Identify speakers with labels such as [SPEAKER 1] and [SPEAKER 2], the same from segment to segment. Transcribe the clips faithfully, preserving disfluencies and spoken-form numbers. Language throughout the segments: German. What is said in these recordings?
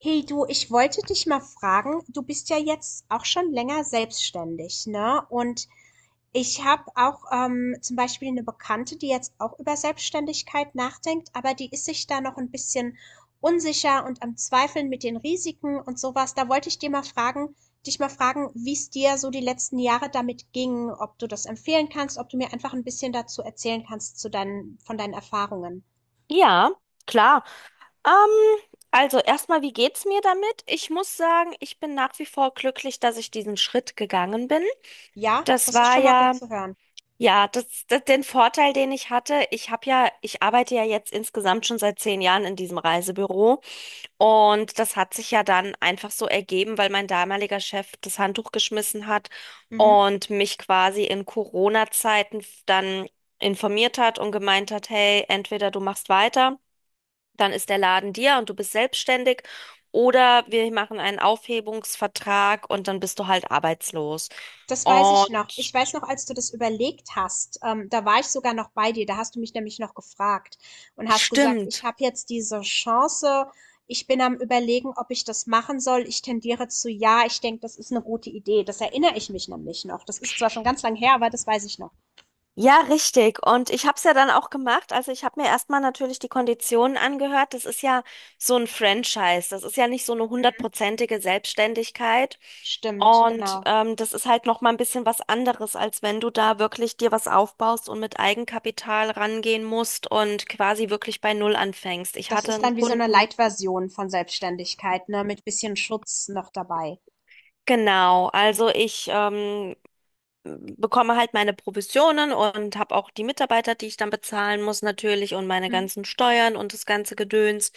[SPEAKER 1] Hey du, ich wollte dich mal fragen, du bist ja jetzt auch schon länger selbstständig, ne? Und ich habe auch ähm, zum Beispiel eine Bekannte, die jetzt auch über Selbstständigkeit nachdenkt, aber die ist sich da noch ein bisschen unsicher und am Zweifeln mit den Risiken und sowas. Da wollte ich dir mal fragen, dich mal fragen, wie es dir so die letzten Jahre damit ging, ob du das empfehlen kannst, ob du mir einfach ein bisschen dazu erzählen kannst zu deinen, von deinen Erfahrungen.
[SPEAKER 2] Ja, klar. Ähm, also erstmal, wie geht's mir damit? Ich muss sagen, ich bin nach wie vor glücklich, dass ich diesen Schritt gegangen bin.
[SPEAKER 1] Ja,
[SPEAKER 2] Das
[SPEAKER 1] das ist
[SPEAKER 2] war
[SPEAKER 1] schon mal gut
[SPEAKER 2] ja,
[SPEAKER 1] zu hören.
[SPEAKER 2] ja, das, das den Vorteil, den ich hatte. Ich habe ja, ich arbeite ja jetzt insgesamt schon seit zehn Jahren in diesem Reisebüro und das hat sich ja dann einfach so ergeben, weil mein damaliger Chef das Handtuch geschmissen hat
[SPEAKER 1] Mhm.
[SPEAKER 2] und mich quasi in Corona-Zeiten dann informiert hat und gemeint hat, hey, entweder du machst weiter, dann ist der Laden dir und du bist selbstständig. Oder wir machen einen Aufhebungsvertrag und dann bist du halt arbeitslos.
[SPEAKER 1] Das weiß ich
[SPEAKER 2] Und
[SPEAKER 1] noch. Ich weiß noch, als du das überlegt hast, ähm, da war ich sogar noch bei dir. Da hast du mich nämlich noch gefragt und hast gesagt, ich
[SPEAKER 2] stimmt.
[SPEAKER 1] habe jetzt diese Chance. Ich bin am Überlegen, ob ich das machen soll. Ich tendiere zu ja. Ich denke, das ist eine gute Idee. Das erinnere ich mich nämlich noch. Das ist zwar schon ganz lang her, aber das weiß ich noch.
[SPEAKER 2] Ja, richtig. Und ich habe es ja dann auch gemacht. Also ich habe mir erstmal natürlich die Konditionen angehört. Das ist ja so ein Franchise. Das ist ja nicht so eine hundertprozentige Selbstständigkeit.
[SPEAKER 1] Stimmt,
[SPEAKER 2] Und
[SPEAKER 1] genau.
[SPEAKER 2] ähm, das ist halt noch mal ein bisschen was anderes, als wenn du da wirklich dir was aufbaust und mit Eigenkapital rangehen musst und quasi wirklich bei Null anfängst. Ich
[SPEAKER 1] Das
[SPEAKER 2] hatte
[SPEAKER 1] ist
[SPEAKER 2] einen
[SPEAKER 1] dann wie so eine
[SPEAKER 2] Kunden.
[SPEAKER 1] Light-Version von Selbstständigkeit, ne, mit bisschen Schutz noch dabei.
[SPEAKER 2] Genau, also ich ähm, bekomme halt meine Provisionen und habe auch die Mitarbeiter, die ich dann bezahlen muss natürlich, und meine
[SPEAKER 1] Mhm.
[SPEAKER 2] ganzen Steuern und das ganze Gedöns.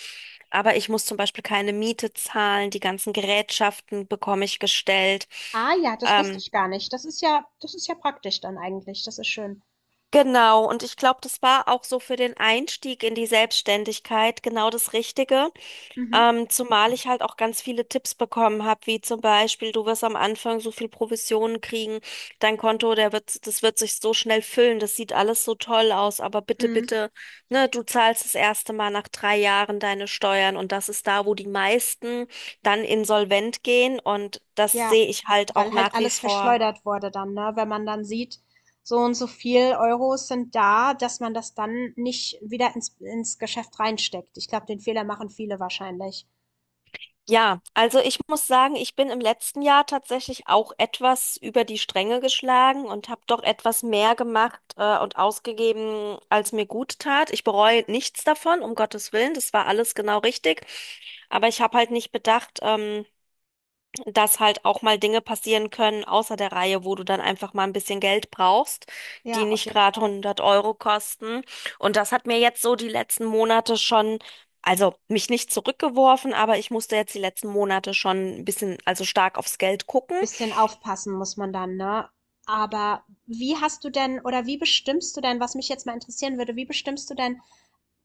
[SPEAKER 2] Aber ich muss zum Beispiel keine Miete zahlen, die ganzen Gerätschaften bekomme ich gestellt.
[SPEAKER 1] Ah ja, das wusste
[SPEAKER 2] Ähm,
[SPEAKER 1] ich gar nicht. Das ist ja das ist ja praktisch dann eigentlich. Das ist schön.
[SPEAKER 2] genau, und ich glaube, das war auch so für den Einstieg in die Selbstständigkeit genau das Richtige.
[SPEAKER 1] Mhm.
[SPEAKER 2] Ähm, zumal ich halt auch ganz viele Tipps bekommen habe, wie zum Beispiel, du wirst am Anfang so viel Provisionen kriegen, dein Konto, der wird, das wird sich so schnell füllen, das sieht alles so toll aus, aber bitte,
[SPEAKER 1] Mhm.
[SPEAKER 2] bitte, ne, du zahlst das erste Mal nach drei Jahren deine Steuern und das ist da, wo die meisten dann insolvent gehen, und das
[SPEAKER 1] Ja,
[SPEAKER 2] sehe ich halt auch
[SPEAKER 1] weil halt
[SPEAKER 2] nach wie
[SPEAKER 1] alles
[SPEAKER 2] vor.
[SPEAKER 1] verschleudert wurde dann, ne? Wenn man dann sieht, so und so viel Euros sind da, dass man das dann nicht wieder ins ins Geschäft reinsteckt. Ich glaube, den Fehler machen viele wahrscheinlich.
[SPEAKER 2] Ja, also ich muss sagen, ich bin im letzten Jahr tatsächlich auch etwas über die Stränge geschlagen und habe doch etwas mehr gemacht äh, und ausgegeben, als mir gut tat. Ich bereue nichts davon, um Gottes Willen, das war alles genau richtig. Aber ich habe halt nicht bedacht, ähm, dass halt auch mal Dinge passieren können außer der Reihe, wo du dann einfach mal ein bisschen Geld brauchst, die
[SPEAKER 1] Ja, auf
[SPEAKER 2] nicht
[SPEAKER 1] jeden
[SPEAKER 2] gerade
[SPEAKER 1] Fall.
[SPEAKER 2] hundert Euro kosten. Und das hat mir jetzt so die letzten Monate schon, also mich nicht zurückgeworfen, aber ich musste jetzt die letzten Monate schon ein bisschen, also stark aufs Geld gucken.
[SPEAKER 1] Bisschen aufpassen muss man dann, ne? Aber wie hast du denn oder wie bestimmst du denn, was mich jetzt mal interessieren würde, wie bestimmst du denn,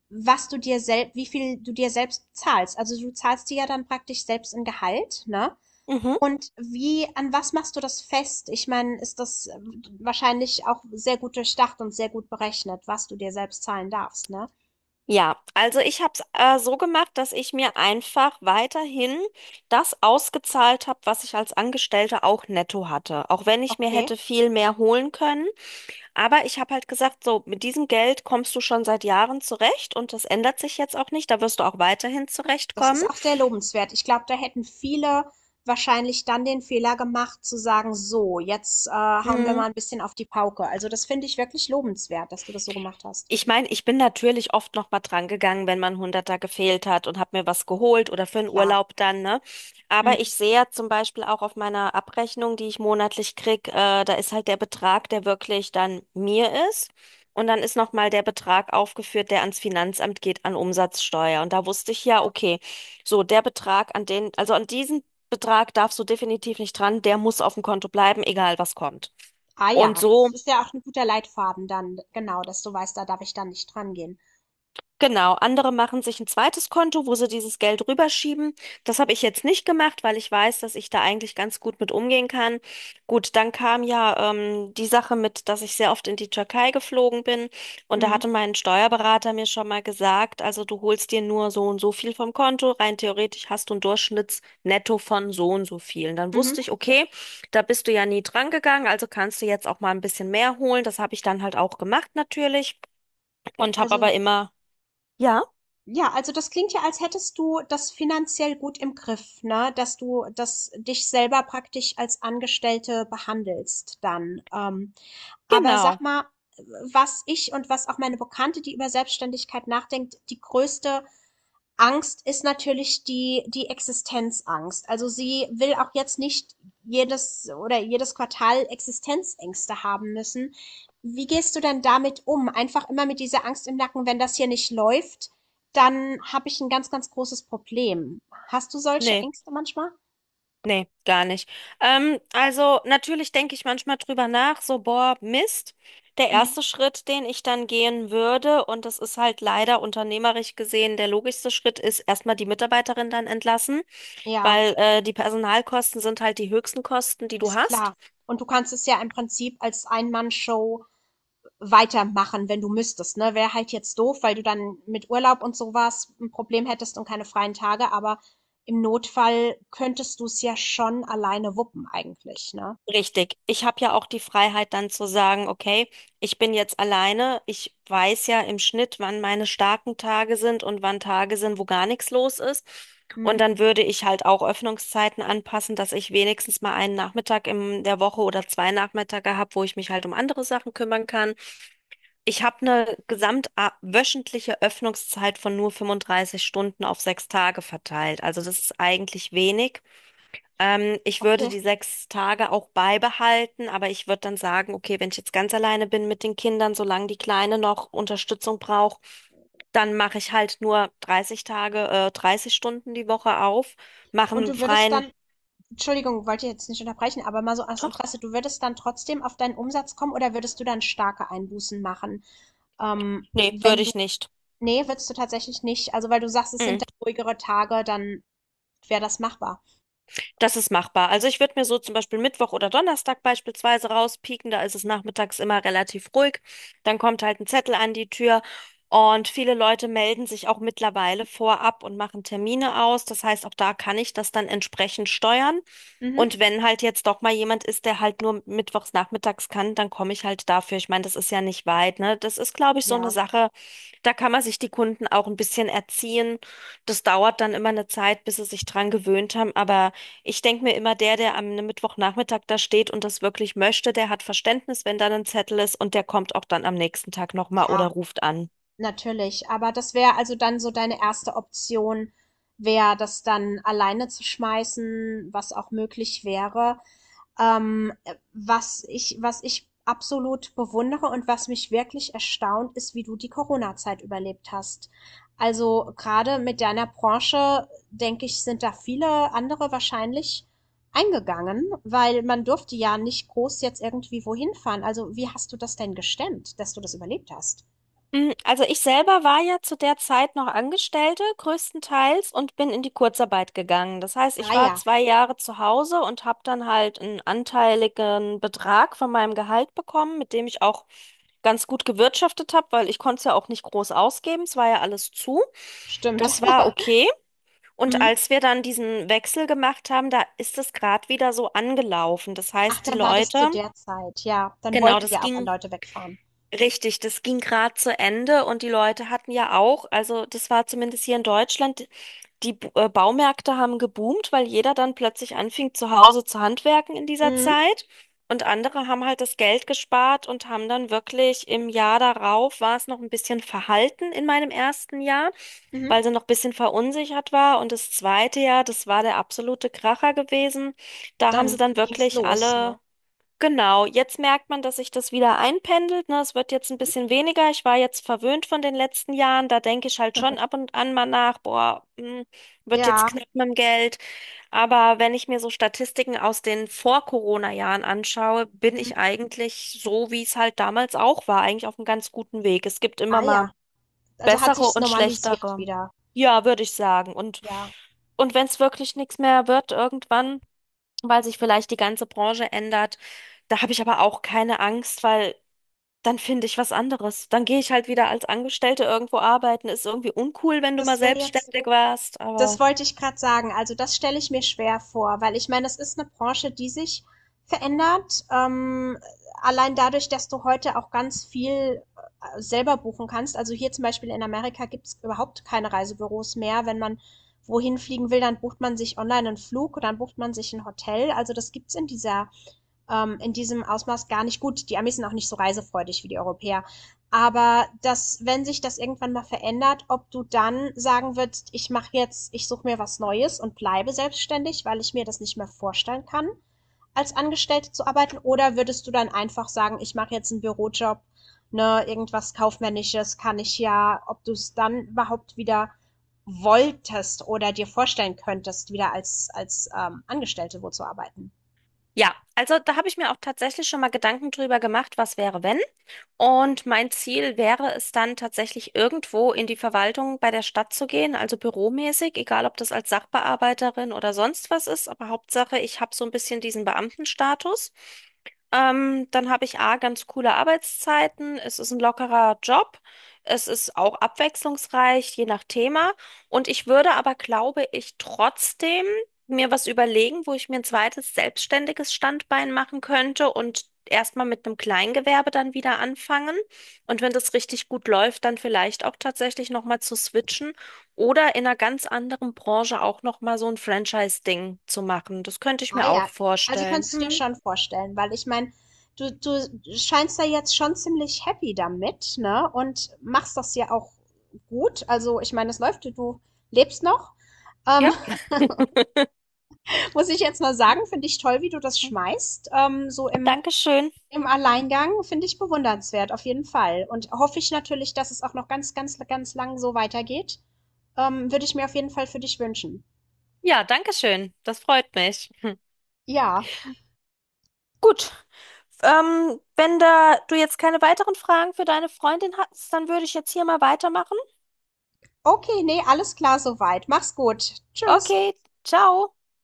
[SPEAKER 1] was du dir selbst, wie viel du dir selbst zahlst? Also du zahlst dir ja dann praktisch selbst ein Gehalt, ne?
[SPEAKER 2] Mhm.
[SPEAKER 1] Und wie, an was machst du das fest? Ich meine, ist das äh, wahrscheinlich auch sehr gut durchdacht und sehr gut berechnet, was du dir selbst zahlen darfst, ne?
[SPEAKER 2] Ja, also ich habe es äh, so gemacht, dass ich mir einfach weiterhin das ausgezahlt habe, was ich als Angestellte auch netto hatte. Auch wenn ich mir
[SPEAKER 1] Okay.
[SPEAKER 2] hätte viel mehr holen können. Aber ich habe halt gesagt, so mit diesem Geld kommst du schon seit Jahren zurecht und das ändert sich jetzt auch nicht. Da wirst du auch weiterhin
[SPEAKER 1] Das
[SPEAKER 2] zurechtkommen.
[SPEAKER 1] ist auch sehr lobenswert. Ich glaube, da hätten viele wahrscheinlich dann den Fehler gemacht, zu sagen, so, jetzt äh, hauen wir
[SPEAKER 2] Hm.
[SPEAKER 1] mal ein bisschen auf die Pauke. Also das finde ich wirklich lobenswert, dass du das so gemacht hast.
[SPEAKER 2] Ich meine, ich bin natürlich oft noch mal dran gegangen, wenn man Hunderter gefehlt hat und habe mir was geholt oder für einen
[SPEAKER 1] Klar.
[SPEAKER 2] Urlaub dann, ne? Aber
[SPEAKER 1] Mhm.
[SPEAKER 2] ich sehe ja zum Beispiel auch auf meiner Abrechnung, die ich monatlich krieg, äh, da ist halt der Betrag, der wirklich dann mir ist. Und dann ist noch mal der Betrag aufgeführt, der ans Finanzamt geht, an Umsatzsteuer. Und da wusste ich ja,
[SPEAKER 1] Ja.
[SPEAKER 2] okay, so der Betrag an den, also an diesen Betrag darfst du definitiv nicht dran, der muss auf dem Konto bleiben, egal was kommt.
[SPEAKER 1] Ah
[SPEAKER 2] Und
[SPEAKER 1] ja,
[SPEAKER 2] so
[SPEAKER 1] das ist ja auch ein guter Leitfaden dann, genau, dass du weißt, da darf ich dann nicht dran gehen.
[SPEAKER 2] genau, andere machen sich ein zweites Konto, wo sie dieses Geld rüberschieben. Das habe ich jetzt nicht gemacht, weil ich weiß, dass ich da eigentlich ganz gut mit umgehen kann. Gut, dann kam ja ähm, die Sache mit, dass ich sehr oft in die Türkei geflogen bin und da
[SPEAKER 1] Mhm.
[SPEAKER 2] hatte mein Steuerberater mir schon mal gesagt, also du holst dir nur so und so viel vom Konto, rein theoretisch hast du ein Durchschnittsnetto von so und so viel. Und dann
[SPEAKER 1] Mhm.
[SPEAKER 2] wusste ich, okay, da bist du ja nie dran gegangen, also kannst du jetzt auch mal ein bisschen mehr holen. Das habe ich dann halt auch gemacht natürlich und habe
[SPEAKER 1] Also,
[SPEAKER 2] aber immer ja.
[SPEAKER 1] ja, also das klingt ja, als hättest du das finanziell gut im Griff, ne? Dass du das dich selber praktisch als Angestellte behandelst dann. Ähm, Aber sag
[SPEAKER 2] Genau.
[SPEAKER 1] mal, was ich und was auch meine Bekannte, die über Selbstständigkeit nachdenkt, die größte Angst ist natürlich die, die Existenzangst. Also sie will auch jetzt nicht jedes oder jedes Quartal Existenzängste haben müssen. Wie gehst du denn damit um? Einfach immer mit dieser Angst im Nacken, wenn das hier nicht läuft, dann habe ich ein ganz, ganz großes Problem. Hast du solche
[SPEAKER 2] Nee,
[SPEAKER 1] Ängste manchmal?
[SPEAKER 2] nee, gar nicht. Ähm, also natürlich denke ich manchmal drüber nach, so, boah, Mist. Der
[SPEAKER 1] Mhm.
[SPEAKER 2] erste Schritt, den ich dann gehen würde, und das ist halt leider unternehmerisch gesehen der logischste Schritt, ist erstmal die Mitarbeiterin dann entlassen,
[SPEAKER 1] Ja,
[SPEAKER 2] weil äh, die Personalkosten sind halt die höchsten Kosten, die du
[SPEAKER 1] ist klar.
[SPEAKER 2] hast.
[SPEAKER 1] Und du kannst es ja im Prinzip als Ein-Mann-Show weitermachen, wenn du müsstest. Ne? Wäre halt jetzt doof, weil du dann mit Urlaub und sowas ein Problem hättest und keine freien Tage, aber im Notfall könntest du es ja schon alleine wuppen eigentlich, ne?
[SPEAKER 2] Richtig. Ich habe ja auch die Freiheit dann zu sagen, okay, ich bin jetzt alleine. Ich weiß ja im Schnitt, wann meine starken Tage sind und wann Tage sind, wo gar nichts los ist.
[SPEAKER 1] Hm,
[SPEAKER 2] Und dann würde ich halt auch Öffnungszeiten anpassen, dass ich wenigstens mal einen Nachmittag in der Woche oder zwei Nachmittage habe, wo ich mich halt um andere Sachen kümmern kann. Ich habe eine gesamtwöchentliche Öffnungszeit von nur fünfunddreißig Stunden auf sechs Tage verteilt. Also das ist eigentlich wenig. Ähm, ich würde
[SPEAKER 1] okay.
[SPEAKER 2] die sechs Tage auch beibehalten, aber ich würde dann sagen, okay, wenn ich jetzt ganz alleine bin mit den Kindern, solange die Kleine noch Unterstützung braucht, dann mache ich halt nur dreißig Tage, äh, dreißig Stunden die Woche auf, mache
[SPEAKER 1] Und
[SPEAKER 2] einen
[SPEAKER 1] du würdest
[SPEAKER 2] freien.
[SPEAKER 1] dann, Entschuldigung, wollte ich jetzt nicht unterbrechen, aber mal so aus
[SPEAKER 2] Doch,
[SPEAKER 1] Interesse, du würdest dann trotzdem auf deinen Umsatz kommen oder würdest du dann starke Einbußen machen? Ähm,
[SPEAKER 2] nee, würde
[SPEAKER 1] wenn du,
[SPEAKER 2] ich nicht.
[SPEAKER 1] nee, würdest du tatsächlich nicht, also weil du sagst, es sind
[SPEAKER 2] Mm.
[SPEAKER 1] dann ruhigere Tage, dann wäre das machbar.
[SPEAKER 2] Das ist machbar. Also ich würde mir so zum Beispiel Mittwoch oder Donnerstag beispielsweise rauspieken. Da ist es nachmittags immer relativ ruhig. Dann kommt halt ein Zettel an die Tür und viele Leute melden sich auch mittlerweile vorab und machen Termine aus. Das heißt, auch da kann ich das dann entsprechend steuern. Und
[SPEAKER 1] Mhm.
[SPEAKER 2] wenn halt jetzt doch mal jemand ist, der halt nur mittwochs nachmittags kann, dann komme ich halt dafür. Ich meine, das ist ja nicht weit, ne? Das ist, glaube ich, so eine
[SPEAKER 1] Ja,
[SPEAKER 2] Sache, da kann man sich die Kunden auch ein bisschen erziehen. Das dauert dann immer eine Zeit, bis sie sich dran gewöhnt haben, aber ich denke mir immer, der, der am Mittwochnachmittag da steht und das wirklich möchte, der hat Verständnis, wenn dann ein Zettel ist und der kommt auch dann am nächsten Tag nochmal oder
[SPEAKER 1] ja.
[SPEAKER 2] ruft an.
[SPEAKER 1] Natürlich, aber das wäre also dann so deine erste Option, wäre das dann alleine zu schmeißen, was auch möglich wäre. Ähm, äh, was ich, was ich absolut bewundere und was mich wirklich erstaunt, ist, wie du die Corona-Zeit überlebt hast. Also gerade mit deiner Branche, denke ich, sind da viele andere wahrscheinlich eingegangen, weil man durfte ja nicht groß jetzt irgendwie wohin fahren. Also wie hast du das denn gestemmt, dass du das überlebt hast?
[SPEAKER 2] Hm, Also ich selber war ja zu der Zeit noch Angestellte, größtenteils, und bin in die Kurzarbeit gegangen. Das heißt, ich
[SPEAKER 1] Ah
[SPEAKER 2] war
[SPEAKER 1] ja.
[SPEAKER 2] zwei Jahre zu Hause und habe dann halt einen anteiligen Betrag von meinem Gehalt bekommen, mit dem ich auch ganz gut gewirtschaftet habe, weil ich konnte es ja auch nicht groß ausgeben. Es war ja alles zu.
[SPEAKER 1] Stimmt.
[SPEAKER 2] Das war okay. Und
[SPEAKER 1] Mhm.
[SPEAKER 2] als wir dann diesen Wechsel gemacht haben, da ist es gerade wieder so angelaufen. Das
[SPEAKER 1] Ach,
[SPEAKER 2] heißt, die
[SPEAKER 1] dann war das zu
[SPEAKER 2] Leute,
[SPEAKER 1] der Zeit, ja. Dann
[SPEAKER 2] genau,
[SPEAKER 1] wollten
[SPEAKER 2] das
[SPEAKER 1] ja auch
[SPEAKER 2] ging
[SPEAKER 1] Leute wegfahren.
[SPEAKER 2] richtig, das ging gerade zu Ende und die Leute hatten ja auch, also das war zumindest hier in Deutschland, die B- äh, Baumärkte haben geboomt, weil jeder dann plötzlich anfing, zu Hause zu handwerken in dieser
[SPEAKER 1] Mhm.
[SPEAKER 2] Zeit. Und andere haben halt das Geld gespart und haben dann wirklich im Jahr darauf war es noch ein bisschen verhalten in meinem ersten Jahr,
[SPEAKER 1] Mhm.
[SPEAKER 2] weil sie noch ein bisschen verunsichert war. Und das zweite Jahr, das war der absolute Kracher gewesen. Da haben sie
[SPEAKER 1] Dann
[SPEAKER 2] dann
[SPEAKER 1] ging's
[SPEAKER 2] wirklich
[SPEAKER 1] los,
[SPEAKER 2] alle
[SPEAKER 1] ne?
[SPEAKER 2] genau, jetzt merkt man, dass sich das wieder einpendelt. Ne? Es wird jetzt ein
[SPEAKER 1] Mhm.
[SPEAKER 2] bisschen weniger. Ich war jetzt verwöhnt von den letzten Jahren. Da denke ich halt schon ab und an mal nach, boah, hm, wird jetzt
[SPEAKER 1] Ja.
[SPEAKER 2] knapp mit dem Geld. Aber wenn ich mir so Statistiken aus den Vor-Corona-Jahren anschaue, bin
[SPEAKER 1] Mhm.
[SPEAKER 2] ich eigentlich so, wie es halt damals auch war, eigentlich auf einem ganz guten Weg. Es gibt immer
[SPEAKER 1] Ah
[SPEAKER 2] mal
[SPEAKER 1] ja. Also hat
[SPEAKER 2] bessere
[SPEAKER 1] sich's
[SPEAKER 2] und
[SPEAKER 1] normalisiert
[SPEAKER 2] schlechtere.
[SPEAKER 1] wieder.
[SPEAKER 2] Ja, würde ich sagen. Und,
[SPEAKER 1] Ja.
[SPEAKER 2] und wenn es wirklich nichts mehr wird, irgendwann, weil sich vielleicht die ganze Branche ändert. Da habe ich aber auch keine Angst, weil dann finde ich was anderes. Dann gehe ich halt wieder als Angestellte irgendwo arbeiten. Ist irgendwie uncool, wenn du mal
[SPEAKER 1] Das wäre jetzt
[SPEAKER 2] selbstständig warst,
[SPEAKER 1] Das
[SPEAKER 2] aber.
[SPEAKER 1] wollte ich gerade sagen. Also, das stelle ich mir schwer vor, weil ich meine, das ist eine Branche, die sich verändert. Ähm, allein dadurch, dass du heute auch ganz viel, äh, selber buchen kannst. Also, hier zum Beispiel in Amerika gibt es überhaupt keine Reisebüros mehr. Wenn man wohin fliegen will, dann bucht man sich online einen Flug, dann bucht man sich ein Hotel. Also, das gibt's in dieser ähm, in diesem Ausmaß gar nicht gut. Die Amis sind auch nicht so reisefreudig wie die Europäer. Aber dass, wenn sich das irgendwann mal verändert, ob du dann sagen würdest, ich mache jetzt, ich suche mir was Neues und bleibe selbstständig, weil ich mir das nicht mehr vorstellen kann, als Angestellte zu arbeiten, oder würdest du dann einfach sagen, ich mache jetzt einen Bürojob, ne, irgendwas kaufmännisches kann ich ja, ob du es dann überhaupt wieder wolltest oder dir vorstellen könntest, wieder als als ähm, Angestellte wo zu arbeiten?
[SPEAKER 2] Ja, also da habe ich mir auch tatsächlich schon mal Gedanken drüber gemacht, was wäre, wenn. Und mein Ziel wäre es dann tatsächlich irgendwo in die Verwaltung bei der Stadt zu gehen, also büromäßig, egal ob das als Sachbearbeiterin oder sonst was ist, aber Hauptsache, ich habe so ein bisschen diesen Beamtenstatus. Ähm, dann habe ich A, ganz coole Arbeitszeiten, es ist ein lockerer Job, es ist auch abwechslungsreich, je nach Thema. Und ich würde aber, glaube ich, trotzdem mir was überlegen, wo ich mir ein zweites selbstständiges Standbein machen könnte und erstmal mit einem Kleingewerbe dann wieder anfangen. Und wenn das richtig gut läuft, dann vielleicht auch tatsächlich nochmal zu switchen oder in einer ganz anderen Branche auch nochmal so ein Franchise-Ding zu machen. Das könnte ich
[SPEAKER 1] Ah
[SPEAKER 2] mir
[SPEAKER 1] ja,
[SPEAKER 2] auch
[SPEAKER 1] also
[SPEAKER 2] vorstellen.
[SPEAKER 1] kannst du dir
[SPEAKER 2] Hm,
[SPEAKER 1] schon vorstellen, weil ich meine, du, du scheinst da jetzt schon ziemlich happy damit, ne? Und machst das ja auch gut. Also ich meine, es läuft, du lebst noch. Ähm,
[SPEAKER 2] ja,
[SPEAKER 1] muss ich jetzt mal sagen, finde ich toll, wie du das schmeißt. Ähm, so im,
[SPEAKER 2] Dankeschön.
[SPEAKER 1] im Alleingang finde ich bewundernswert, auf jeden Fall. Und hoffe ich natürlich, dass es auch noch ganz, ganz, ganz lang so weitergeht. Ähm, würde ich mir auf jeden Fall für dich wünschen.
[SPEAKER 2] Ja, Dankeschön. Das freut mich. Hm.
[SPEAKER 1] Ja.
[SPEAKER 2] Gut, ähm, wenn da du jetzt keine weiteren Fragen für deine Freundin hast, dann würde ich jetzt hier mal weitermachen.
[SPEAKER 1] Okay, nee, alles klar soweit. Mach's gut. Tschüss.
[SPEAKER 2] Okay, ciao.